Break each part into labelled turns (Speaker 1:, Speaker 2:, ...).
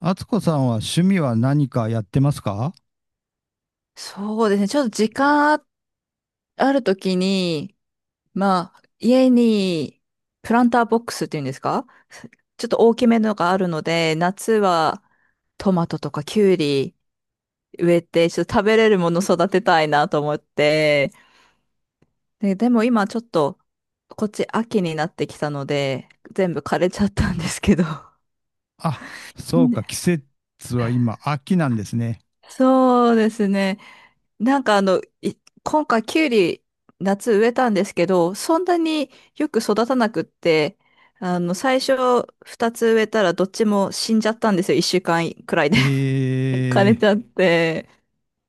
Speaker 1: あつこさんは趣味は何かやってますか？
Speaker 2: そうですね。ちょっと時間あるときに、まあ、家にプランターボックスっていうんですか？ちょっと大きめのがあるので、夏はトマトとかキュウリ植えて、ちょっと食べれるもの育てたいなと思って。でも今ちょっと、こっち秋になってきたので、全部枯れちゃったんですけど。
Speaker 1: あ、そうか、
Speaker 2: ね。
Speaker 1: 季節は今、秋なんですね。
Speaker 2: そうですね。なんかあの、い今回キュウリ夏植えたんですけど、そんなによく育たなくって、あの、最初2つ植えたらどっちも死んじゃったんですよ。1週間くらいで
Speaker 1: え
Speaker 2: 枯れ
Speaker 1: ー、
Speaker 2: ちゃって。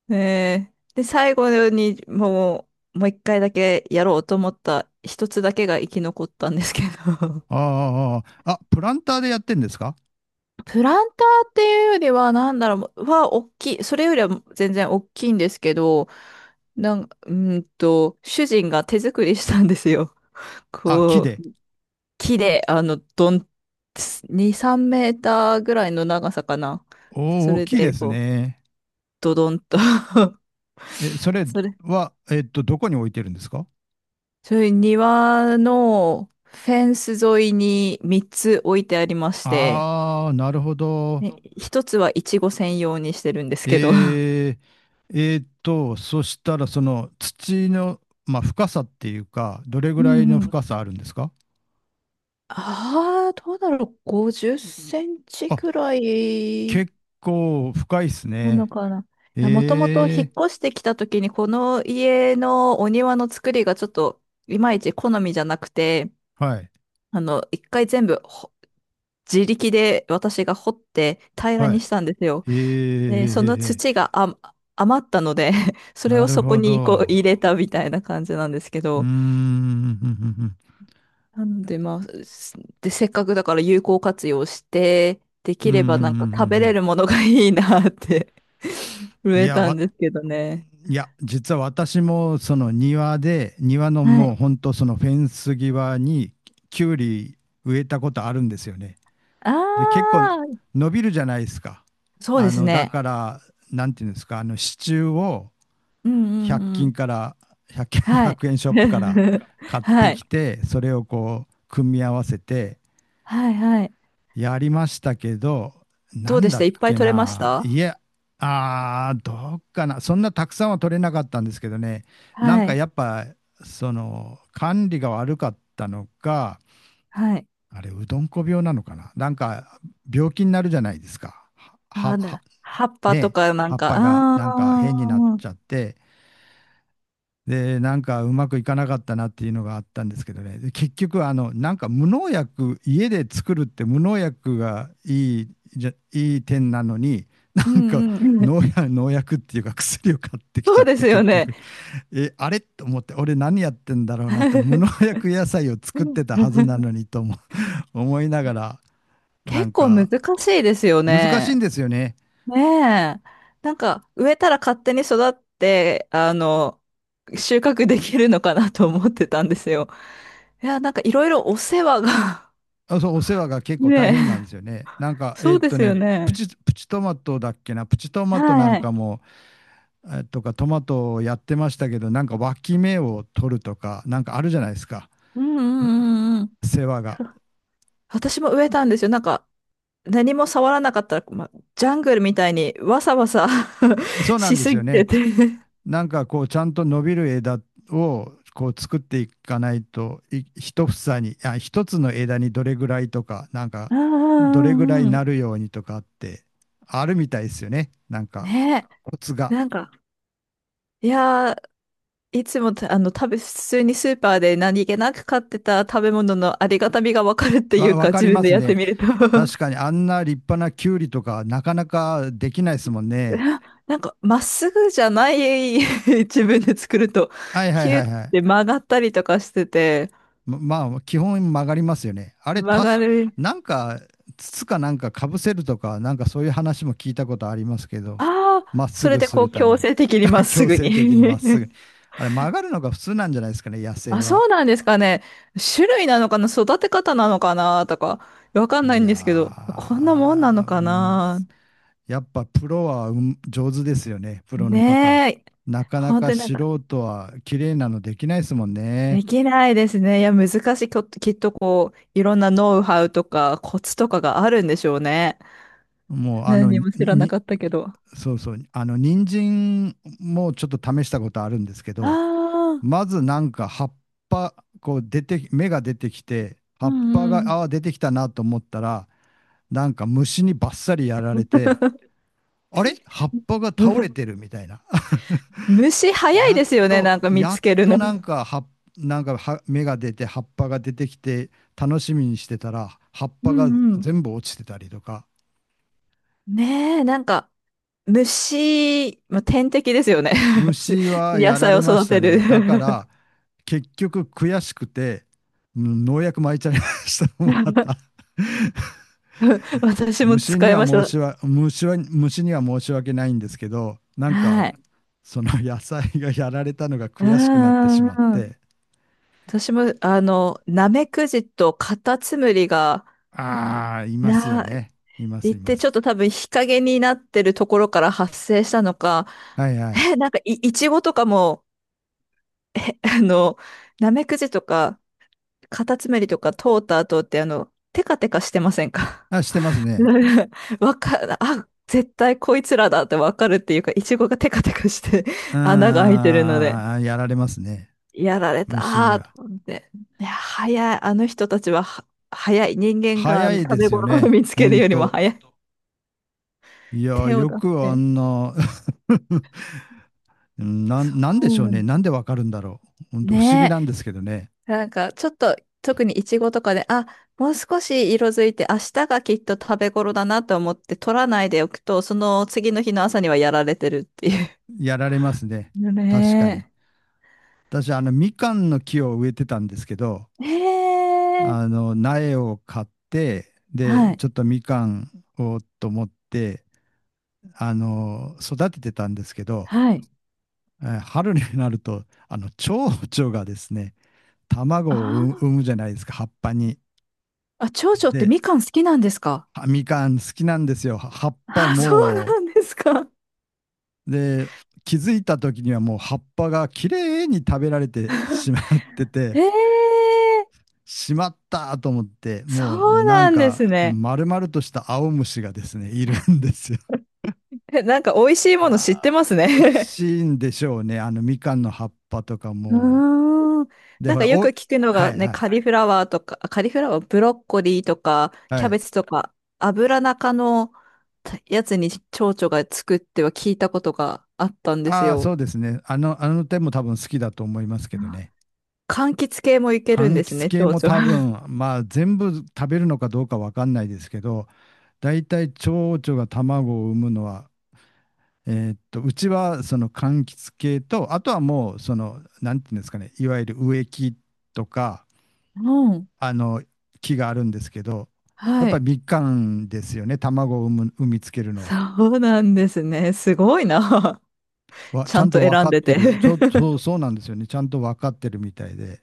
Speaker 2: ねえ。で、最後にもう1回だけやろうと思った一つだけが生き残ったんですけど。
Speaker 1: あーあー、あプランターでやってんですか？
Speaker 2: プランターっていうよりは、なんだろう、大きい。それよりは全然大きいんですけど、なん、うーんと、主人が手作りしたんですよ。
Speaker 1: あ、木
Speaker 2: こ
Speaker 1: で。
Speaker 2: う、木で、2、3メーターぐらいの長さかな。そ
Speaker 1: おお、
Speaker 2: れ
Speaker 1: 木で
Speaker 2: で、
Speaker 1: す
Speaker 2: こう、
Speaker 1: ね。
Speaker 2: ドドンと
Speaker 1: え、そ れ
Speaker 2: それ、
Speaker 1: は、どこに置いてるんですか？
Speaker 2: それ庭のフェンス沿いに3つ置いてありまして、
Speaker 1: ああー、なるほど。
Speaker 2: ね、1つはイチゴ専用にしてるんですけど。 うん
Speaker 1: えそしたら、その土の、まあ、深さっていうか、どれぐ
Speaker 2: う
Speaker 1: らいの
Speaker 2: ん。
Speaker 1: 深さあるんですか？
Speaker 2: ああ、どうだろう。50センチく
Speaker 1: あ、
Speaker 2: らい
Speaker 1: 結構深いです
Speaker 2: な
Speaker 1: ね。
Speaker 2: のかな。いや、もともと
Speaker 1: え
Speaker 2: 引
Speaker 1: え、
Speaker 2: っ越してきた時に、この家のお庭の作りがちょっといまいち好みじゃなくて、
Speaker 1: はい、
Speaker 2: あの、一回全部ほ自力で私が掘って平らに
Speaker 1: は
Speaker 2: したんですよ。
Speaker 1: い。ええ
Speaker 2: で、その
Speaker 1: え
Speaker 2: 土
Speaker 1: え、
Speaker 2: があ余ったので それ
Speaker 1: な
Speaker 2: を
Speaker 1: る
Speaker 2: そこ
Speaker 1: ほ
Speaker 2: にこう
Speaker 1: ど。
Speaker 2: 入れたみたいな感じなんですけ
Speaker 1: うーん、
Speaker 2: ど、
Speaker 1: ふんふんふん、
Speaker 2: なので、で、せっかくだから有効活用して、で
Speaker 1: うー
Speaker 2: きればなんか食べれ
Speaker 1: ん。
Speaker 2: るものがいいなって 植
Speaker 1: い
Speaker 2: え
Speaker 1: や、
Speaker 2: たんですけどね。
Speaker 1: いや、実は私もその庭で、庭の
Speaker 2: は
Speaker 1: もう
Speaker 2: い。
Speaker 1: ほんとそのフェンス際にきゅうり植えたことあるんですよね。
Speaker 2: あ
Speaker 1: で、結構
Speaker 2: あ、
Speaker 1: 伸びるじゃないですか。
Speaker 2: そうで
Speaker 1: あ
Speaker 2: す
Speaker 1: の、だ
Speaker 2: ね。
Speaker 1: から、なんていうんですか、あの支柱を、
Speaker 2: うんうん
Speaker 1: 100
Speaker 2: う
Speaker 1: 均
Speaker 2: ん。
Speaker 1: から1
Speaker 2: は
Speaker 1: 0
Speaker 2: い。
Speaker 1: 円ショップから 買っ
Speaker 2: は
Speaker 1: て
Speaker 2: い。
Speaker 1: きてそれをこう組み合わせて
Speaker 2: はいはい。
Speaker 1: やりましたけど。な
Speaker 2: どう
Speaker 1: ん
Speaker 2: でし
Speaker 1: だ
Speaker 2: た？
Speaker 1: っ
Speaker 2: いっぱい
Speaker 1: け
Speaker 2: 取れまし
Speaker 1: ない
Speaker 2: た？
Speaker 1: や。あー、どうかな、そんなたくさんは取れなかったんですけどね。なん
Speaker 2: は
Speaker 1: か
Speaker 2: い。
Speaker 1: やっぱその管理が悪かったのか、
Speaker 2: はい。
Speaker 1: あれうどんこ病なのかな、なんか病気になるじゃないですか。はは
Speaker 2: あー、
Speaker 1: は
Speaker 2: 葉っぱと
Speaker 1: ね、
Speaker 2: かな
Speaker 1: 葉
Speaker 2: ん
Speaker 1: っ
Speaker 2: か、
Speaker 1: ぱが
Speaker 2: あ
Speaker 1: なんか変に
Speaker 2: あ、
Speaker 1: なっ
Speaker 2: うん
Speaker 1: ちゃって、で、なんかうまくいかなかったなっていうのがあったんですけどね。で結局、あの、なんか無農薬、家で作るって無農薬がいい、じゃ、いい点なのに、な
Speaker 2: う
Speaker 1: んか
Speaker 2: んうん。
Speaker 1: 農 薬、農薬っていうか薬を買ってきち
Speaker 2: そ
Speaker 1: ゃ
Speaker 2: う
Speaker 1: っ
Speaker 2: で
Speaker 1: て、
Speaker 2: すよ
Speaker 1: 結
Speaker 2: ね。
Speaker 1: 局、え、あれと思って、俺何やってんだろうなって、無農 薬野菜を作ってたはずなのにとも 思いながら、なん
Speaker 2: 結構難
Speaker 1: か
Speaker 2: しいですよ
Speaker 1: 難しいん
Speaker 2: ね。
Speaker 1: ですよね。
Speaker 2: ねえ。なんか、植えたら勝手に育って、あの、収穫できるのかなと思ってたんですよ。いや、なんかいろいろお世話が。
Speaker 1: あ、そう、お世話が 結構大
Speaker 2: ね
Speaker 1: 変なんで
Speaker 2: え。
Speaker 1: すよね。なんか、
Speaker 2: そうですよ
Speaker 1: プ
Speaker 2: ね。
Speaker 1: チ、プチトマトだっけな、プチトマトなん
Speaker 2: はい。
Speaker 1: かも、とかトマトをやってましたけど、なんか脇芽を取るとか、なんかあるじゃないですか、
Speaker 2: うんうんうんうん。
Speaker 1: 世話が。
Speaker 2: そう。私も植えたんですよ。なんか、何も触らなかったら、ま、ジャングルみたいにわさわさ
Speaker 1: そうなん
Speaker 2: し
Speaker 1: で
Speaker 2: す
Speaker 1: すよ
Speaker 2: ぎて
Speaker 1: ね。
Speaker 2: て。
Speaker 1: なんかこう、ちゃんと伸びる枝をこう作っていかないと、い一房に、あ、一つの枝にどれぐらいとか、なんか
Speaker 2: う
Speaker 1: ど
Speaker 2: んう
Speaker 1: れぐら
Speaker 2: ん
Speaker 1: い
Speaker 2: うんう
Speaker 1: な
Speaker 2: ん。
Speaker 1: るようにとかってあるみたいですよね。なんか
Speaker 2: ね
Speaker 1: コツ
Speaker 2: え。
Speaker 1: が。
Speaker 2: いやー、いつもたあの食べ、普通にスーパーで何気なく買ってた食べ物のありがたみがわかるっていう
Speaker 1: わ
Speaker 2: か、
Speaker 1: か
Speaker 2: 自
Speaker 1: り
Speaker 2: 分
Speaker 1: ま
Speaker 2: で
Speaker 1: す
Speaker 2: やって
Speaker 1: ね。
Speaker 2: みると。
Speaker 1: 確かにあんな立派なキュウリとかなかなかできないですもんね。
Speaker 2: なんか、まっすぐじゃない。 自分で作ると、
Speaker 1: はいは
Speaker 2: ヒ
Speaker 1: い
Speaker 2: ュー
Speaker 1: は
Speaker 2: っ
Speaker 1: いはい。
Speaker 2: て曲がったりとかしてて、
Speaker 1: ま、まあ、基本曲がりますよね。あれ、
Speaker 2: 曲がる。
Speaker 1: なんか、筒かなんかかぶせるとか、なんかそういう話も聞いたことありますけど、
Speaker 2: ああ、
Speaker 1: まっす
Speaker 2: それ
Speaker 1: ぐ
Speaker 2: で
Speaker 1: す
Speaker 2: こ
Speaker 1: る
Speaker 2: う
Speaker 1: た
Speaker 2: 強
Speaker 1: めに。
Speaker 2: 制的にまっ す
Speaker 1: 強
Speaker 2: ぐ
Speaker 1: 制的にま
Speaker 2: に。
Speaker 1: っすぐに。あれ、曲がるのが普通なんじゃないですかね、野 生
Speaker 2: あ、そ
Speaker 1: は。
Speaker 2: うなんですかね。種類なのかな、育て方なのかなとか、わかんな
Speaker 1: い
Speaker 2: いん
Speaker 1: や
Speaker 2: ですけど、こんなもんなの
Speaker 1: ー、
Speaker 2: か
Speaker 1: む
Speaker 2: な。
Speaker 1: ずやっぱプロはうん上手ですよね、プロの方は。
Speaker 2: ねえ。
Speaker 1: なかな
Speaker 2: 本
Speaker 1: か
Speaker 2: 当になん
Speaker 1: 素
Speaker 2: か
Speaker 1: 人は綺麗なのできないですもん
Speaker 2: で
Speaker 1: ね。
Speaker 2: きないですね。いや、難しい。きっとこう、いろんなノウハウとかコツとかがあるんでしょうね。
Speaker 1: もうあの
Speaker 2: 何も知らな
Speaker 1: に、
Speaker 2: かったけど。あ
Speaker 1: そうそう。あの、人参もちょっと試したことあるんですけど、
Speaker 2: あ、
Speaker 1: まずなんか葉っぱ、こう出て、芽が出てきて、葉
Speaker 2: う
Speaker 1: っぱ
Speaker 2: んうん。
Speaker 1: が、あー出てきたなと思ったら、なんか虫にバッサリやられて、あれ葉っぱが倒れ てるみたいな。
Speaker 2: 虫 早い
Speaker 1: やっ
Speaker 2: ですよね、
Speaker 1: と、
Speaker 2: なんか見
Speaker 1: や
Speaker 2: つ
Speaker 1: っ
Speaker 2: ける
Speaker 1: と
Speaker 2: の。
Speaker 1: なんかなんかは芽が出て、葉っぱが出てきて、楽しみにしてたら、葉っ
Speaker 2: う
Speaker 1: ぱが
Speaker 2: んうん。
Speaker 1: 全部落ちてたりとか、
Speaker 2: ねえ、なんか、虫、まあ、天敵ですよね。し
Speaker 1: 虫は
Speaker 2: 野
Speaker 1: やら
Speaker 2: 菜を
Speaker 1: れまし
Speaker 2: 育
Speaker 1: た
Speaker 2: てる。
Speaker 1: ね。だから、結局悔しくて、農薬撒いちゃいましたもんま た
Speaker 2: 私も
Speaker 1: 虫
Speaker 2: 使
Speaker 1: に
Speaker 2: い
Speaker 1: は
Speaker 2: まし
Speaker 1: 申
Speaker 2: た。
Speaker 1: しわ虫は虫には申し訳ないんですけど、なんか
Speaker 2: はい。
Speaker 1: その野菜がやられたのが
Speaker 2: う
Speaker 1: 悔しくなってし
Speaker 2: んう
Speaker 1: まっ
Speaker 2: んうん。
Speaker 1: て、
Speaker 2: 私も、あの、ナメクジとカタツムリが、
Speaker 1: ああ、いますよ
Speaker 2: な、
Speaker 1: ね。いま
Speaker 2: 言
Speaker 1: す、
Speaker 2: っ
Speaker 1: いま
Speaker 2: てちょっ
Speaker 1: す。
Speaker 2: と多分日陰になってるところから発生したのか、
Speaker 1: はいはい。
Speaker 2: え、なんかい、いちごとかも、あの、ナメクジとか、カタツムリとか通った後って、あの、テカテカしてませんか？
Speaker 1: あ、してますね。
Speaker 2: あ、絶対こいつらだってわかるっていうか、いちごがテカテカして穴が開いてるので。
Speaker 1: ああ、やられますね。
Speaker 2: やられた
Speaker 1: 虫に
Speaker 2: ーと
Speaker 1: は。
Speaker 2: 思って。いや、早い。あの人たちは早い。人間があ
Speaker 1: 早
Speaker 2: の
Speaker 1: い
Speaker 2: 食
Speaker 1: で
Speaker 2: べ
Speaker 1: すよ
Speaker 2: 頃を
Speaker 1: ね。
Speaker 2: 見つ
Speaker 1: ほ
Speaker 2: ける
Speaker 1: ん
Speaker 2: よりも
Speaker 1: と。
Speaker 2: 早い。
Speaker 1: いや、
Speaker 2: 手を
Speaker 1: よ
Speaker 2: 出し
Speaker 1: くあ
Speaker 2: て。
Speaker 1: んな うん、なん
Speaker 2: う
Speaker 1: でしょうね。
Speaker 2: ん。
Speaker 1: なんでわかるんだろう。本当不思議
Speaker 2: ね
Speaker 1: なんですけどね。
Speaker 2: え。なんか、ちょっと、特にイチゴとかで、あ、もう少し色づいて、明日がきっと食べ頃だなと思って取らないでおくと、その次の日の朝にはやられてるっていう。
Speaker 1: やられますね。確か
Speaker 2: ね
Speaker 1: に。私、あの、みかんの木を植えてたんですけど、
Speaker 2: え。えー。
Speaker 1: あの、苗を買って、
Speaker 2: は
Speaker 1: で、
Speaker 2: い。
Speaker 1: ちょっとみかんをと思って、あの、育ててたんですけど、
Speaker 2: はい。
Speaker 1: 春になると、あの、蝶々がですね、卵
Speaker 2: あ
Speaker 1: を産
Speaker 2: ー。
Speaker 1: むじゃないですか、葉っぱに。
Speaker 2: あ、長女って
Speaker 1: で、
Speaker 2: みかん好きなんですか？
Speaker 1: あみかん好きなんですよ。葉っぱ
Speaker 2: あ、そう
Speaker 1: も、
Speaker 2: なんですか。
Speaker 1: で、気づいた時にはもう葉っぱがきれいに食べられてしまって
Speaker 2: え
Speaker 1: て、
Speaker 2: え。
Speaker 1: しまったと思って、
Speaker 2: そ
Speaker 1: もう
Speaker 2: う
Speaker 1: なん
Speaker 2: なんで
Speaker 1: か
Speaker 2: すね。
Speaker 1: 丸々とした青虫がですね、いるんですよ。
Speaker 2: え、なんか美味しいもの
Speaker 1: あ
Speaker 2: 知ってます
Speaker 1: ー美味
Speaker 2: ね。
Speaker 1: しいんでしょうね、あのみかんの葉っぱとか も。
Speaker 2: うーん。
Speaker 1: で、
Speaker 2: なん
Speaker 1: ほ
Speaker 2: か
Speaker 1: ら、
Speaker 2: よく聞くの
Speaker 1: は
Speaker 2: が
Speaker 1: い
Speaker 2: ね、
Speaker 1: はい
Speaker 2: カリフラワーとか、あ、カリフラワー、ブロッコリーとか、
Speaker 1: は
Speaker 2: キャベ
Speaker 1: い。
Speaker 2: ツとか、油中のやつに蝶々がつくって聞いたことがあったんです
Speaker 1: ああ、そ
Speaker 2: よ。
Speaker 1: うですね。あの点も多分好きだと思いますけど
Speaker 2: あ、
Speaker 1: ね。
Speaker 2: 柑橘系もいけるん
Speaker 1: 柑
Speaker 2: です
Speaker 1: 橘
Speaker 2: ね、
Speaker 1: 系
Speaker 2: 蝶
Speaker 1: も多
Speaker 2: 々。
Speaker 1: 分、まあ全部食べるのかどうかわかんないですけど、大体蝶々が卵を産むのはうちはその柑橘系と、あとはもうその、なんていうんですかね、いわゆる植木とか、
Speaker 2: うん。
Speaker 1: あの、木があるんですけど、やっ
Speaker 2: は
Speaker 1: ぱり
Speaker 2: い。
Speaker 1: みかんですよね、卵を産む、産みつけるのは。
Speaker 2: そうなんですね。すごいな。ち
Speaker 1: ち
Speaker 2: ゃ
Speaker 1: ゃ
Speaker 2: ん
Speaker 1: ん
Speaker 2: と
Speaker 1: と分
Speaker 2: 選ん
Speaker 1: かっ
Speaker 2: で
Speaker 1: て
Speaker 2: て。
Speaker 1: る。ちょっと、そうなんですよね。ちゃんと分かってるみたいで、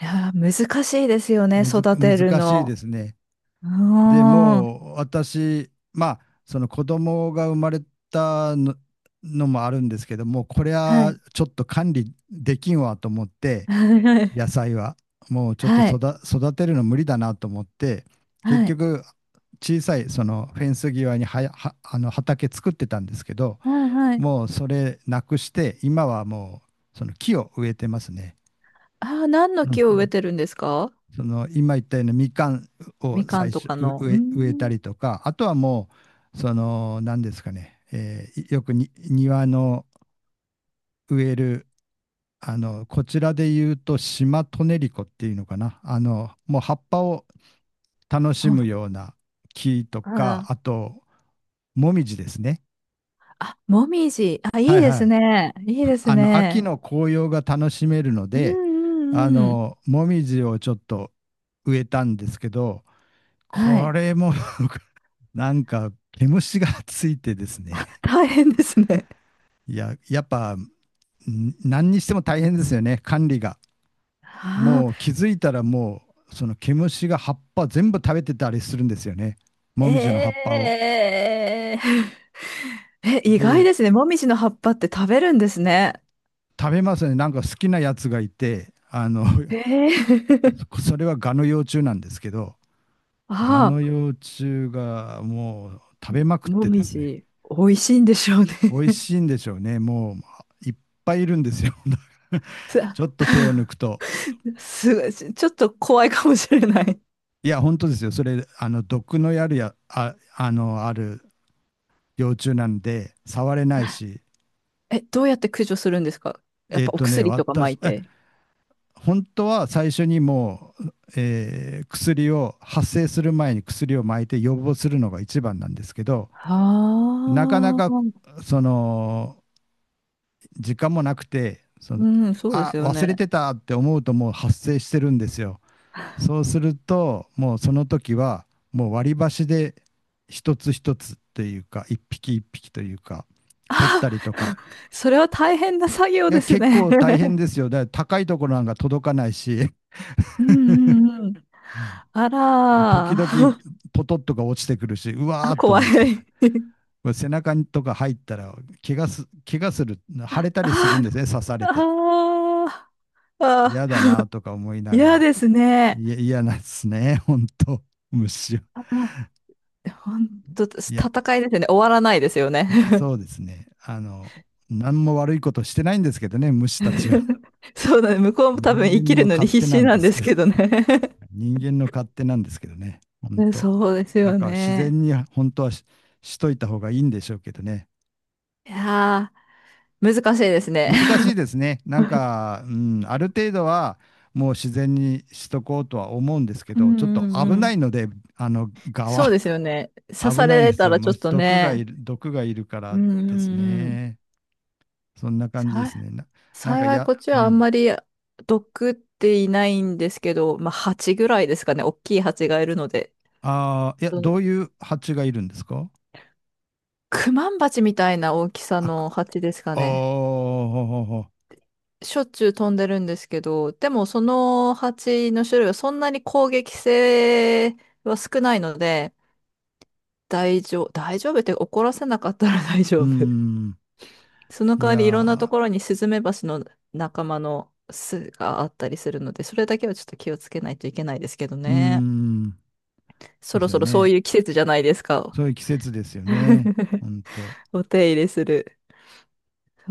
Speaker 2: いやー、難しいですよね、
Speaker 1: むずか、
Speaker 2: 育てる
Speaker 1: 難しいで
Speaker 2: の。
Speaker 1: すね。
Speaker 2: う
Speaker 1: で、
Speaker 2: ーん。
Speaker 1: もう、私、まあ、その子供が生まれたのもあるんですけども、これ
Speaker 2: は
Speaker 1: は
Speaker 2: い。
Speaker 1: ちょっと管理できんわと思って、野菜は。もうちょっと
Speaker 2: はい。
Speaker 1: 育てるの無理だなと思って、
Speaker 2: はい。
Speaker 1: 結
Speaker 2: はい。
Speaker 1: 局、小さいそのフェンス際にはあの畑作ってたんですけど、
Speaker 2: はい。はい。
Speaker 1: もうそれなくして、今はもうその木を植えてますね。
Speaker 2: ああ、何の
Speaker 1: う
Speaker 2: 木を植え
Speaker 1: ん。
Speaker 2: てるんですか？
Speaker 1: その今言ったようなみかんを
Speaker 2: みか
Speaker 1: 最
Speaker 2: んと
Speaker 1: 初
Speaker 2: か
Speaker 1: う
Speaker 2: の。う
Speaker 1: 植
Speaker 2: ー
Speaker 1: え、植えた
Speaker 2: ん。
Speaker 1: りとか、あとはもう、その何ですかね、よくに庭の植える、あの、こちらで言うとシマトネリコっていうのかな。あの、もう葉っぱを楽し
Speaker 2: はい。
Speaker 1: むような木と
Speaker 2: あ
Speaker 1: か、
Speaker 2: ら。
Speaker 1: あと、もみじですね。
Speaker 2: あ、もみじ。あ、
Speaker 1: は
Speaker 2: いい
Speaker 1: い
Speaker 2: で
Speaker 1: は
Speaker 2: す
Speaker 1: い。
Speaker 2: ね。いいです
Speaker 1: あの、秋
Speaker 2: ね。
Speaker 1: の紅葉が楽しめるの
Speaker 2: うん
Speaker 1: で、
Speaker 2: う
Speaker 1: あ
Speaker 2: んうん。
Speaker 1: の、もみじをちょっと植えたんですけど、
Speaker 2: は
Speaker 1: こ
Speaker 2: い。
Speaker 1: れも なんか、毛虫がついてです
Speaker 2: あ。
Speaker 1: ね。
Speaker 2: 大変ですね。
Speaker 1: いや、やっぱ、何にしても大変ですよね、管理が。
Speaker 2: あ
Speaker 1: もう気づいたらもう、その毛虫が葉っぱ全部食べてたりするんですよね。
Speaker 2: あ、
Speaker 1: もみじの葉っぱを。
Speaker 2: えー、え、意外
Speaker 1: で、
Speaker 2: ですね。もみじの葉っぱって食べるんですね。
Speaker 1: 食べますね。なんか好きなやつがいて、あの
Speaker 2: ええ。
Speaker 1: それはガの幼虫なんですけど、ガの
Speaker 2: あ。
Speaker 1: 幼虫がもう食べまくっ
Speaker 2: も
Speaker 1: てで
Speaker 2: み
Speaker 1: すね、
Speaker 2: じ、美味しいんでしょうね。
Speaker 1: 美味 しいんでしょうね。もういっぱいいるんですよ。ちょ
Speaker 2: さ。
Speaker 1: っと手を抜くと。
Speaker 2: すごい、ちょっと怖いかもしれない。
Speaker 1: いや、本当ですよ。それ、あの、毒のやるや、あ、あの、ある幼虫なんで、触れないし、
Speaker 2: え、どうやって駆除するんですか？やっぱお薬とか撒
Speaker 1: 私、
Speaker 2: いて。
Speaker 1: 本当は最初にもう、薬を発生する前に薬をまいて予防するのが一番なんですけど、なかな
Speaker 2: は
Speaker 1: か
Speaker 2: あ、
Speaker 1: その時間もなくて、その、
Speaker 2: うん、そうで
Speaker 1: あ、
Speaker 2: すよ
Speaker 1: 忘
Speaker 2: ね。
Speaker 1: れてたって思うともう発生してるんですよ。そうするともうその時はもう割り箸で一つ一つというか一匹一匹というか取ったりとか。
Speaker 2: それは大変な作業
Speaker 1: いや、
Speaker 2: です
Speaker 1: 結
Speaker 2: ね。
Speaker 1: 構大変 ですよ、だから高いところなんか届かないし。
Speaker 2: うんうんうん。
Speaker 1: うん、
Speaker 2: あ
Speaker 1: で、時
Speaker 2: ら
Speaker 1: 々
Speaker 2: ー。
Speaker 1: ポトッとか落ちてくるし、うわ
Speaker 2: あ、
Speaker 1: ーっと
Speaker 2: 怖い。
Speaker 1: 思って、これ背中とか入ったら、怪我する、腫れたりする
Speaker 2: あ
Speaker 1: ん
Speaker 2: ー、
Speaker 1: ですね、刺されて。
Speaker 2: あー、あ
Speaker 1: 嫌だなとか思い
Speaker 2: ー、
Speaker 1: なが
Speaker 2: 嫌
Speaker 1: ら、
Speaker 2: ですね。
Speaker 1: いや、嫌なんですね、本当虫は。
Speaker 2: あ、本当
Speaker 1: いや、
Speaker 2: 戦いですよね。終わらないですよね。
Speaker 1: そう ですね。あの、何も悪いことしてないんですけどね、虫たちは。
Speaker 2: そうだね。向こうも多分生
Speaker 1: 人
Speaker 2: き
Speaker 1: 間
Speaker 2: る
Speaker 1: の
Speaker 2: のに
Speaker 1: 勝手
Speaker 2: 必
Speaker 1: な
Speaker 2: 死
Speaker 1: ん
Speaker 2: な
Speaker 1: で
Speaker 2: ん
Speaker 1: す
Speaker 2: で
Speaker 1: け
Speaker 2: す
Speaker 1: ど、
Speaker 2: けどね。
Speaker 1: 人間の勝手なんですけどね、本
Speaker 2: ね。
Speaker 1: 当。
Speaker 2: そうです
Speaker 1: だ
Speaker 2: よ
Speaker 1: から自
Speaker 2: ね。
Speaker 1: 然に本当はしといた方がいいんでしょうけどね。
Speaker 2: いやー、難しいですね。
Speaker 1: 難しいですね。なんか、うん、ある程度はもう自然にしとこうとは思うんです け
Speaker 2: うん
Speaker 1: ど、ちょっ
Speaker 2: う
Speaker 1: と
Speaker 2: んう
Speaker 1: 危な
Speaker 2: ん。
Speaker 1: いので、あの、側、
Speaker 2: そうですよね。刺
Speaker 1: 危
Speaker 2: さ
Speaker 1: ないんで
Speaker 2: れ
Speaker 1: す
Speaker 2: た
Speaker 1: よ。
Speaker 2: らち
Speaker 1: もう
Speaker 2: ょっとね。
Speaker 1: 毒がいるか
Speaker 2: う
Speaker 1: ら
Speaker 2: んう
Speaker 1: です
Speaker 2: んうん。
Speaker 1: ね。そんな感じで
Speaker 2: さ、
Speaker 1: すね。なんか、
Speaker 2: 幸い
Speaker 1: や、
Speaker 2: こっち
Speaker 1: う
Speaker 2: はあん
Speaker 1: ん。
Speaker 2: まり毒っていないんですけど、まあ蜂ぐらいですかね。大きい蜂がいるので。
Speaker 1: ああ、いや、
Speaker 2: その
Speaker 1: どういう蜂がいるんですか？
Speaker 2: クマンバチみたいな大きさ
Speaker 1: あ、く
Speaker 2: の蜂ですか
Speaker 1: おー、
Speaker 2: ね。
Speaker 1: ほほほ。
Speaker 2: しょっちゅう飛んでるんですけど、でもその蜂の種類はそんなに攻撃性は少ないので、大丈夫、大丈夫って怒らせなかったら 大
Speaker 1: う
Speaker 2: 丈夫。
Speaker 1: ん。
Speaker 2: その
Speaker 1: い
Speaker 2: 代わ
Speaker 1: や
Speaker 2: りいろんなと
Speaker 1: ー、
Speaker 2: ころにスズメバチの仲間の巣があったりするので、それだけはちょっと気をつけないといけないですけど
Speaker 1: う
Speaker 2: ね。
Speaker 1: ん。
Speaker 2: そ
Speaker 1: で
Speaker 2: ろ
Speaker 1: すよ
Speaker 2: そろそう
Speaker 1: ね。
Speaker 2: いう季節じゃないですか。
Speaker 1: そういう季節ですよね。ほ んと。
Speaker 2: お手入れする。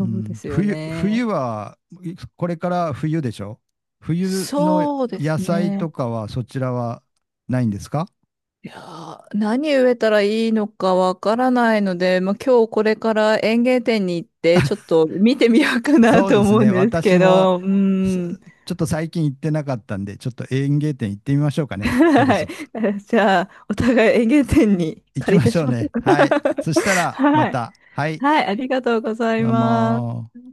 Speaker 1: う
Speaker 2: うで
Speaker 1: ん、
Speaker 2: すよ
Speaker 1: 冬
Speaker 2: ね。
Speaker 1: は、これから冬でしょ。冬の
Speaker 2: そうです
Speaker 1: 野菜
Speaker 2: ね。
Speaker 1: とかはそちらはないんですか？
Speaker 2: いやー、何植えたらいいのかわからないので、まあ、今日これから園芸店に行って、ちょっと見てみようかな
Speaker 1: そう
Speaker 2: と
Speaker 1: です
Speaker 2: 思うん
Speaker 1: ね。
Speaker 2: です
Speaker 1: 私
Speaker 2: け
Speaker 1: も、
Speaker 2: ど、う
Speaker 1: す
Speaker 2: ーん。
Speaker 1: ちょっと最近行ってなかったんで、ちょっと園芸店行ってみましょうか ね。そろ
Speaker 2: は
Speaker 1: そ
Speaker 2: い。
Speaker 1: ろ。
Speaker 2: じゃあ、お互い園芸店に
Speaker 1: 行き
Speaker 2: 借り
Speaker 1: ま
Speaker 2: 出
Speaker 1: しょ
Speaker 2: し
Speaker 1: う
Speaker 2: ましょ
Speaker 1: ね。
Speaker 2: うか。
Speaker 1: はい。そした らま
Speaker 2: はい。
Speaker 1: た。はい。
Speaker 2: はい、ありがとうござい
Speaker 1: どう
Speaker 2: ます。
Speaker 1: もー。